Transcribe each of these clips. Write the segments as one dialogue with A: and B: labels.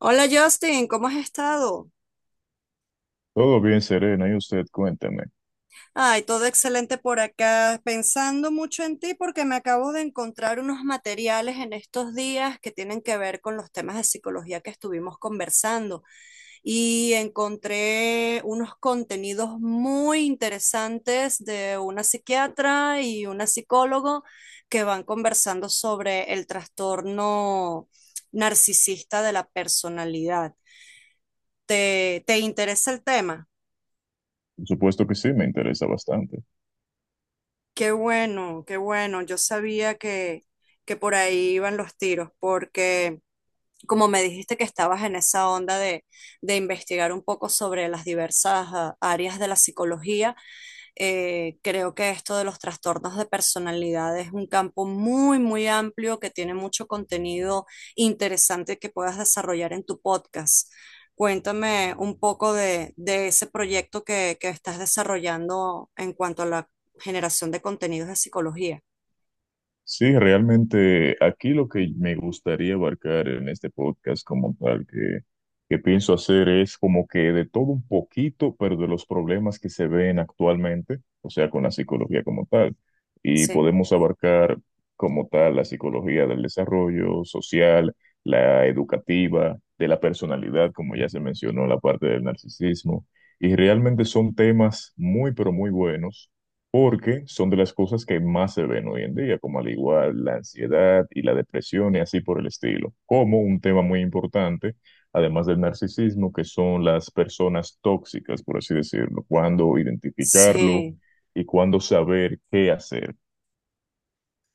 A: Hola Justin, ¿cómo has estado?
B: Todo bien, Serena, y usted cuénteme.
A: Ay, todo excelente por acá, pensando mucho en ti porque me acabo de encontrar unos materiales en estos días que tienen que ver con los temas de psicología que estuvimos conversando y encontré unos contenidos muy interesantes de una psiquiatra y una psicólogo que van conversando sobre el trastorno narcisista de la personalidad. ¿Te interesa el tema?
B: Por supuesto que sí, me interesa bastante.
A: Qué bueno, qué bueno. Yo sabía que por ahí iban los tiros, porque como me dijiste que estabas en esa onda de investigar un poco sobre las diversas áreas de la psicología. Creo que esto de los trastornos de personalidad es un campo muy, muy amplio que tiene mucho contenido interesante que puedas desarrollar en tu podcast. Cuéntame un poco de ese proyecto que estás desarrollando en cuanto a la generación de contenidos de psicología.
B: Sí, realmente aquí lo que me gustaría abarcar en este podcast como tal que pienso hacer es como que de todo un poquito, pero de los problemas que se ven actualmente, o sea, con la psicología como tal. Y
A: Sí,
B: podemos abarcar como tal la psicología del desarrollo social, la educativa, de la personalidad, como ya se mencionó, la parte del narcisismo. Y realmente son temas muy, pero muy buenos porque son de las cosas que más se ven hoy en día, como al igual la ansiedad y la depresión y así por el estilo, como un tema muy importante, además del narcisismo, que son las personas tóxicas, por así decirlo, cuándo identificarlo
A: sí.
B: y cuándo saber qué hacer.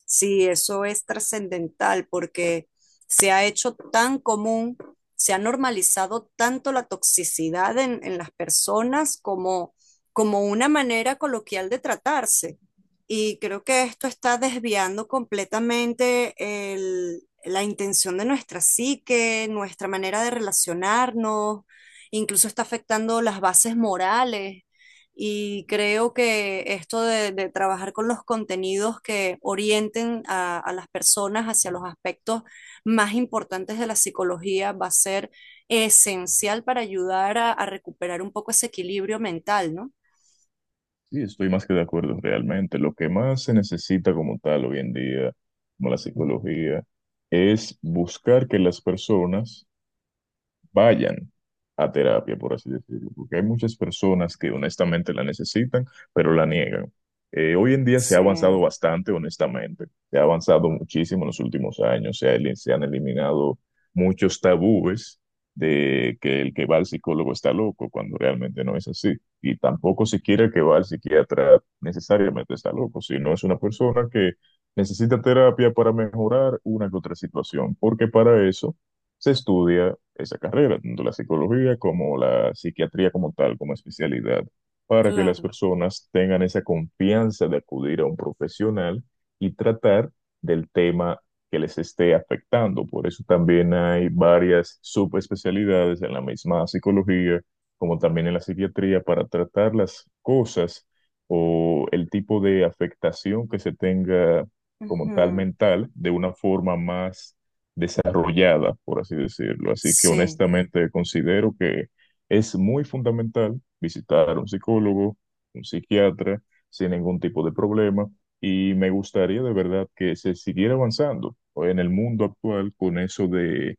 A: Sí, eso es trascendental porque se ha hecho tan común, se ha normalizado tanto la toxicidad en las personas como, como una manera coloquial de tratarse. Y creo que esto está desviando completamente la intención de nuestra psique, nuestra manera de relacionarnos, incluso está afectando las bases morales. Y creo que esto de trabajar con los contenidos que orienten a las personas hacia los aspectos más importantes de la psicología va a ser esencial para ayudar a recuperar un poco ese equilibrio mental, ¿no?
B: Sí, estoy más que de acuerdo realmente. Lo que más se necesita como tal hoy en día, como la psicología, es buscar que las personas vayan a terapia, por así decirlo, porque hay muchas personas que honestamente la necesitan, pero la niegan. Hoy en día se ha
A: Sí,
B: avanzado bastante, honestamente, se ha avanzado muchísimo en los últimos años, se han eliminado muchos tabúes de que el que va al psicólogo está loco, cuando realmente no es así. Y tampoco siquiera el que va al psiquiatra necesariamente está loco, sino es una persona que necesita terapia para mejorar una que otra situación, porque para eso se estudia esa carrera, tanto la psicología como la psiquiatría como tal, como especialidad, para que las
A: claro.
B: personas tengan esa confianza de acudir a un profesional y tratar del tema que les esté afectando. Por eso también hay varias subespecialidades en la misma psicología, como también en la psiquiatría, para tratar las cosas o el tipo de afectación que se tenga como tal
A: Ujú.
B: mental de una forma más desarrollada, por así decirlo. Así que
A: Sí.
B: honestamente considero que es muy fundamental visitar a un psicólogo, un psiquiatra, sin ningún tipo de problema. Y me gustaría de verdad que se siguiera avanzando, ¿no?, en el mundo actual con eso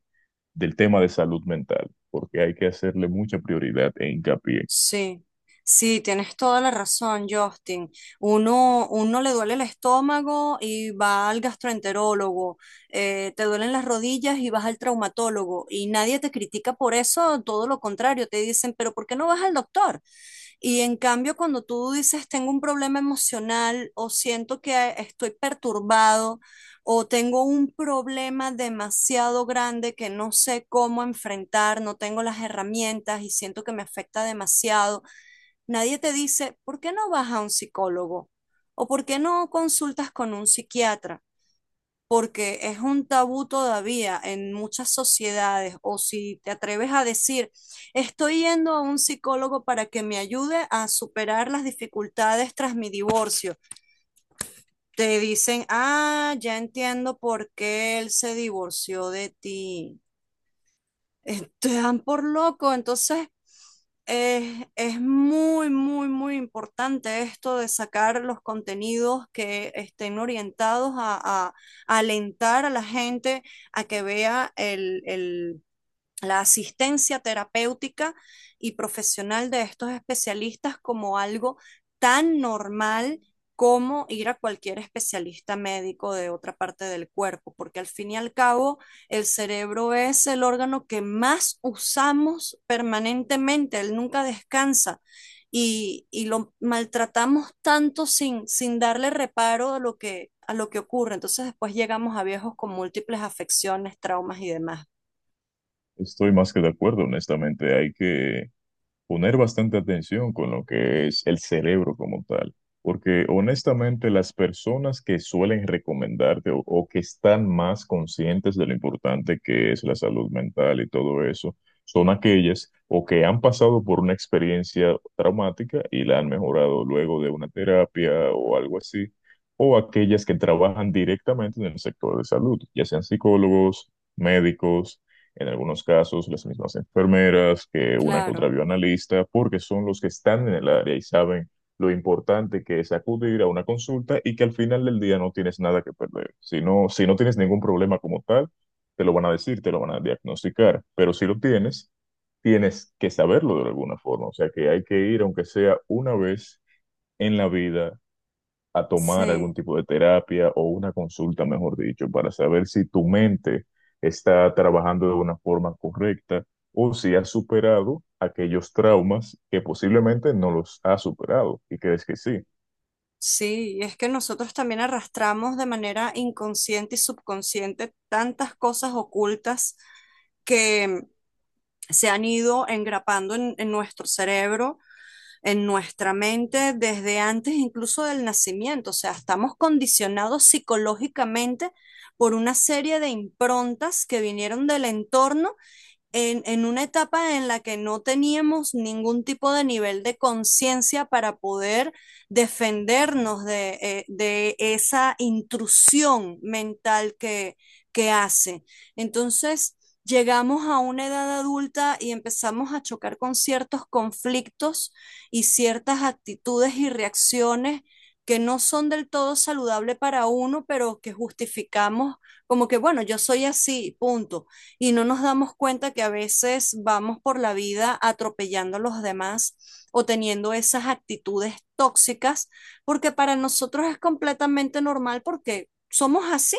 B: del tema de salud mental, porque hay que hacerle mucha prioridad e hincapié.
A: Sí, sí, tienes toda la razón, Justin. Uno le duele el estómago y va al gastroenterólogo, te duelen las rodillas y vas al traumatólogo y nadie te critica por eso, todo lo contrario, te dicen, pero ¿por qué no vas al doctor? Y en cambio, cuando tú dices, tengo un problema emocional o siento que estoy perturbado, o tengo un problema demasiado grande que no sé cómo enfrentar, no tengo las herramientas y siento que me afecta demasiado. Nadie te dice, ¿por qué no vas a un psicólogo? ¿O por qué no consultas con un psiquiatra? Porque es un tabú todavía en muchas sociedades. O si te atreves a decir, estoy yendo a un psicólogo para que me ayude a superar las dificultades tras mi divorcio te dicen, ah, ya entiendo por qué él se divorció de ti. Te dan por loco, entonces es muy, muy, muy importante esto de sacar los contenidos que estén orientados a, a- a alentar a la gente a que vea el la asistencia terapéutica y profesional de estos especialistas como algo tan normal como ir a cualquier especialista médico de otra parte del cuerpo, porque al fin y al cabo el cerebro es el órgano que más usamos permanentemente, él nunca descansa y lo maltratamos tanto sin, sin darle reparo a lo que ocurre. Entonces después llegamos a viejos con múltiples afecciones, traumas y demás.
B: Estoy más que de acuerdo, honestamente. Hay que poner bastante atención con lo que es el cerebro como tal, porque honestamente las personas que suelen recomendarte o que están más conscientes de lo importante que es la salud mental y todo eso, son aquellas o que han pasado por una experiencia traumática y la han mejorado luego de una terapia o algo así, o aquellas que trabajan directamente en el sector de salud, ya sean psicólogos, médicos, en algunos casos las mismas enfermeras que una que
A: Claro.
B: otra bioanalista, porque son los que están en el área y saben lo importante que es acudir a una consulta y que al final del día no tienes nada que perder. Si no, si no tienes ningún problema como tal, te lo van a decir, te lo van a diagnosticar, pero si lo tienes, tienes que saberlo de alguna forma, o sea que hay que ir, aunque sea una vez en la vida, a tomar algún
A: Sí,
B: tipo de terapia o una consulta, mejor dicho, para saber si tu mente está trabajando de una forma correcta o si has superado aquellos traumas que posiblemente no los has superado y crees que sí.
A: sí, y es que nosotros también arrastramos de manera inconsciente y subconsciente tantas cosas ocultas que se han ido engrapando en nuestro cerebro, en nuestra mente, desde antes incluso del nacimiento. O sea, estamos condicionados psicológicamente por una serie de improntas que vinieron del entorno en una etapa en la que no teníamos ningún tipo de nivel de conciencia para poder defendernos de esa intrusión mental que hace. Entonces, llegamos a una edad adulta y empezamos a chocar con ciertos conflictos y ciertas actitudes y reacciones que no son del todo saludables para uno, pero que justificamos como que, bueno, yo soy así, punto y no nos damos cuenta que a veces vamos por la vida atropellando a los demás o teniendo esas actitudes tóxicas, porque para nosotros es completamente normal porque somos así.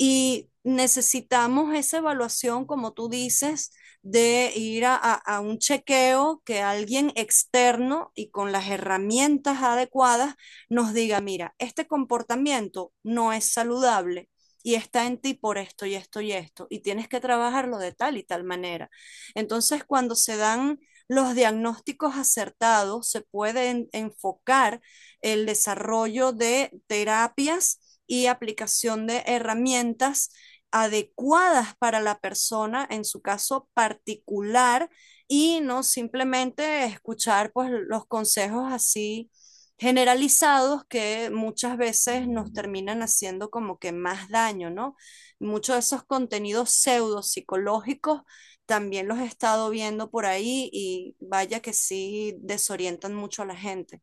A: Y necesitamos esa evaluación, como tú dices, de ir a, a un chequeo que alguien externo y con las herramientas adecuadas nos diga, mira, este comportamiento no es saludable. Y está en ti por esto y esto y esto, y tienes que trabajarlo de tal y tal manera. Entonces, cuando se dan los diagnósticos acertados, se pueden enfocar el desarrollo de terapias y aplicación de herramientas adecuadas para la persona en su caso particular y no simplemente escuchar pues los consejos así generalizados que muchas veces nos terminan haciendo como que más daño, ¿no? Muchos de esos contenidos pseudo psicológicos también los he estado viendo por ahí y vaya que sí desorientan mucho a la gente.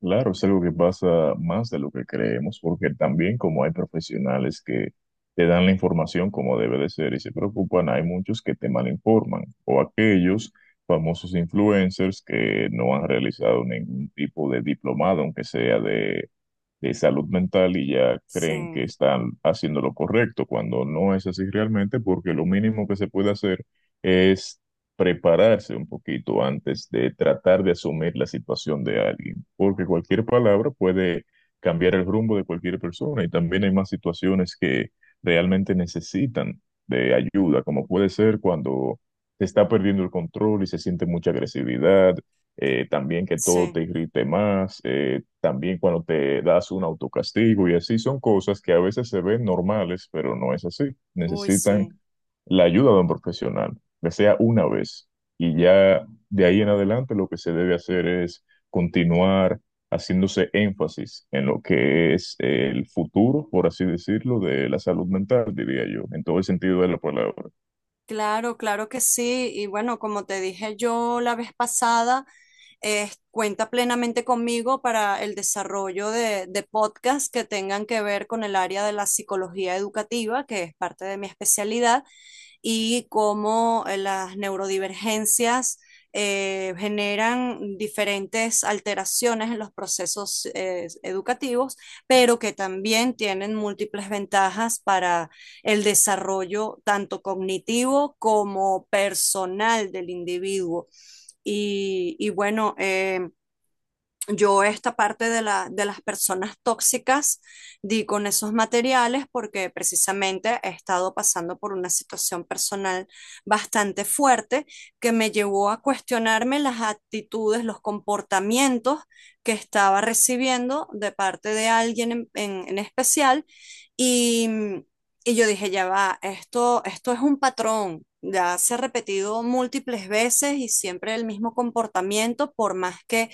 B: Claro, es algo que pasa más de lo que creemos, porque también como hay profesionales que te dan la información como debe de ser y se preocupan, hay muchos que te malinforman, o aquellos famosos influencers que no han realizado ningún tipo de diplomado, aunque sea de salud mental, y ya creen que
A: Sí,
B: están haciendo lo correcto, cuando no es así realmente, porque lo mínimo que se puede hacer es prepararse un poquito antes de tratar de asumir la situación de alguien, porque cualquier palabra puede cambiar el rumbo de cualquier persona y también hay más situaciones que realmente necesitan de ayuda, como puede ser cuando se está perdiendo el control y se siente mucha agresividad, también que todo
A: sí,
B: te irrite más, también cuando te das un autocastigo y así son cosas que a veces se ven normales, pero no es así,
A: uy,
B: necesitan
A: sí.
B: la ayuda de un profesional ya sea una vez. Y ya de ahí en adelante lo que se debe hacer es continuar haciéndose énfasis en lo que es el futuro, por así decirlo, de la salud mental, diría yo, en todo el sentido de la palabra.
A: Claro, claro que sí. Y bueno, como te dije yo la vez pasada, cuenta plenamente conmigo para el desarrollo de podcasts que tengan que ver con el área de la psicología educativa, que es parte de mi especialidad, y cómo las neurodivergencias generan diferentes alteraciones en los procesos educativos, pero que también tienen múltiples ventajas para el desarrollo tanto cognitivo como personal del individuo. Y bueno, yo esta parte de la, de las personas tóxicas di con esos materiales porque precisamente he estado pasando por una situación personal bastante fuerte que me llevó a cuestionarme las actitudes, los comportamientos que estaba recibiendo de parte de alguien en, en especial y, y yo dije, ya va, esto es un patrón. Ya se ha repetido múltiples veces y siempre el mismo comportamiento, por más que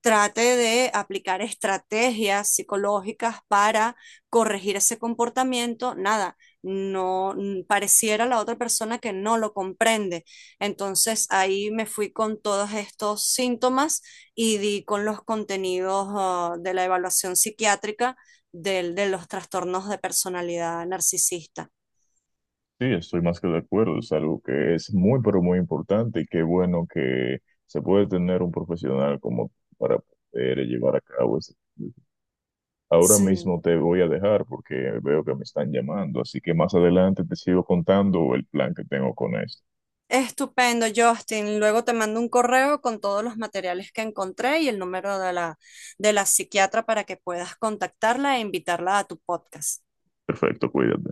A: trate de aplicar estrategias psicológicas para corregir ese comportamiento, nada, no pareciera la otra persona que no lo comprende. Entonces ahí me fui con todos estos síntomas y di con los contenidos de la evaluación psiquiátrica del, de los trastornos de personalidad narcisista.
B: Sí, estoy más que de acuerdo, es algo que es muy, pero muy importante y qué bueno que se puede tener un profesional como para poder llevar a cabo este. Ahora
A: Sí.
B: mismo te voy a dejar porque veo que me están llamando, así que más adelante te sigo contando el plan que tengo con esto.
A: Estupendo, Justin. Luego te mando un correo con todos los materiales que encontré y el número de la psiquiatra para que puedas contactarla e invitarla a tu podcast.
B: Perfecto, cuídate.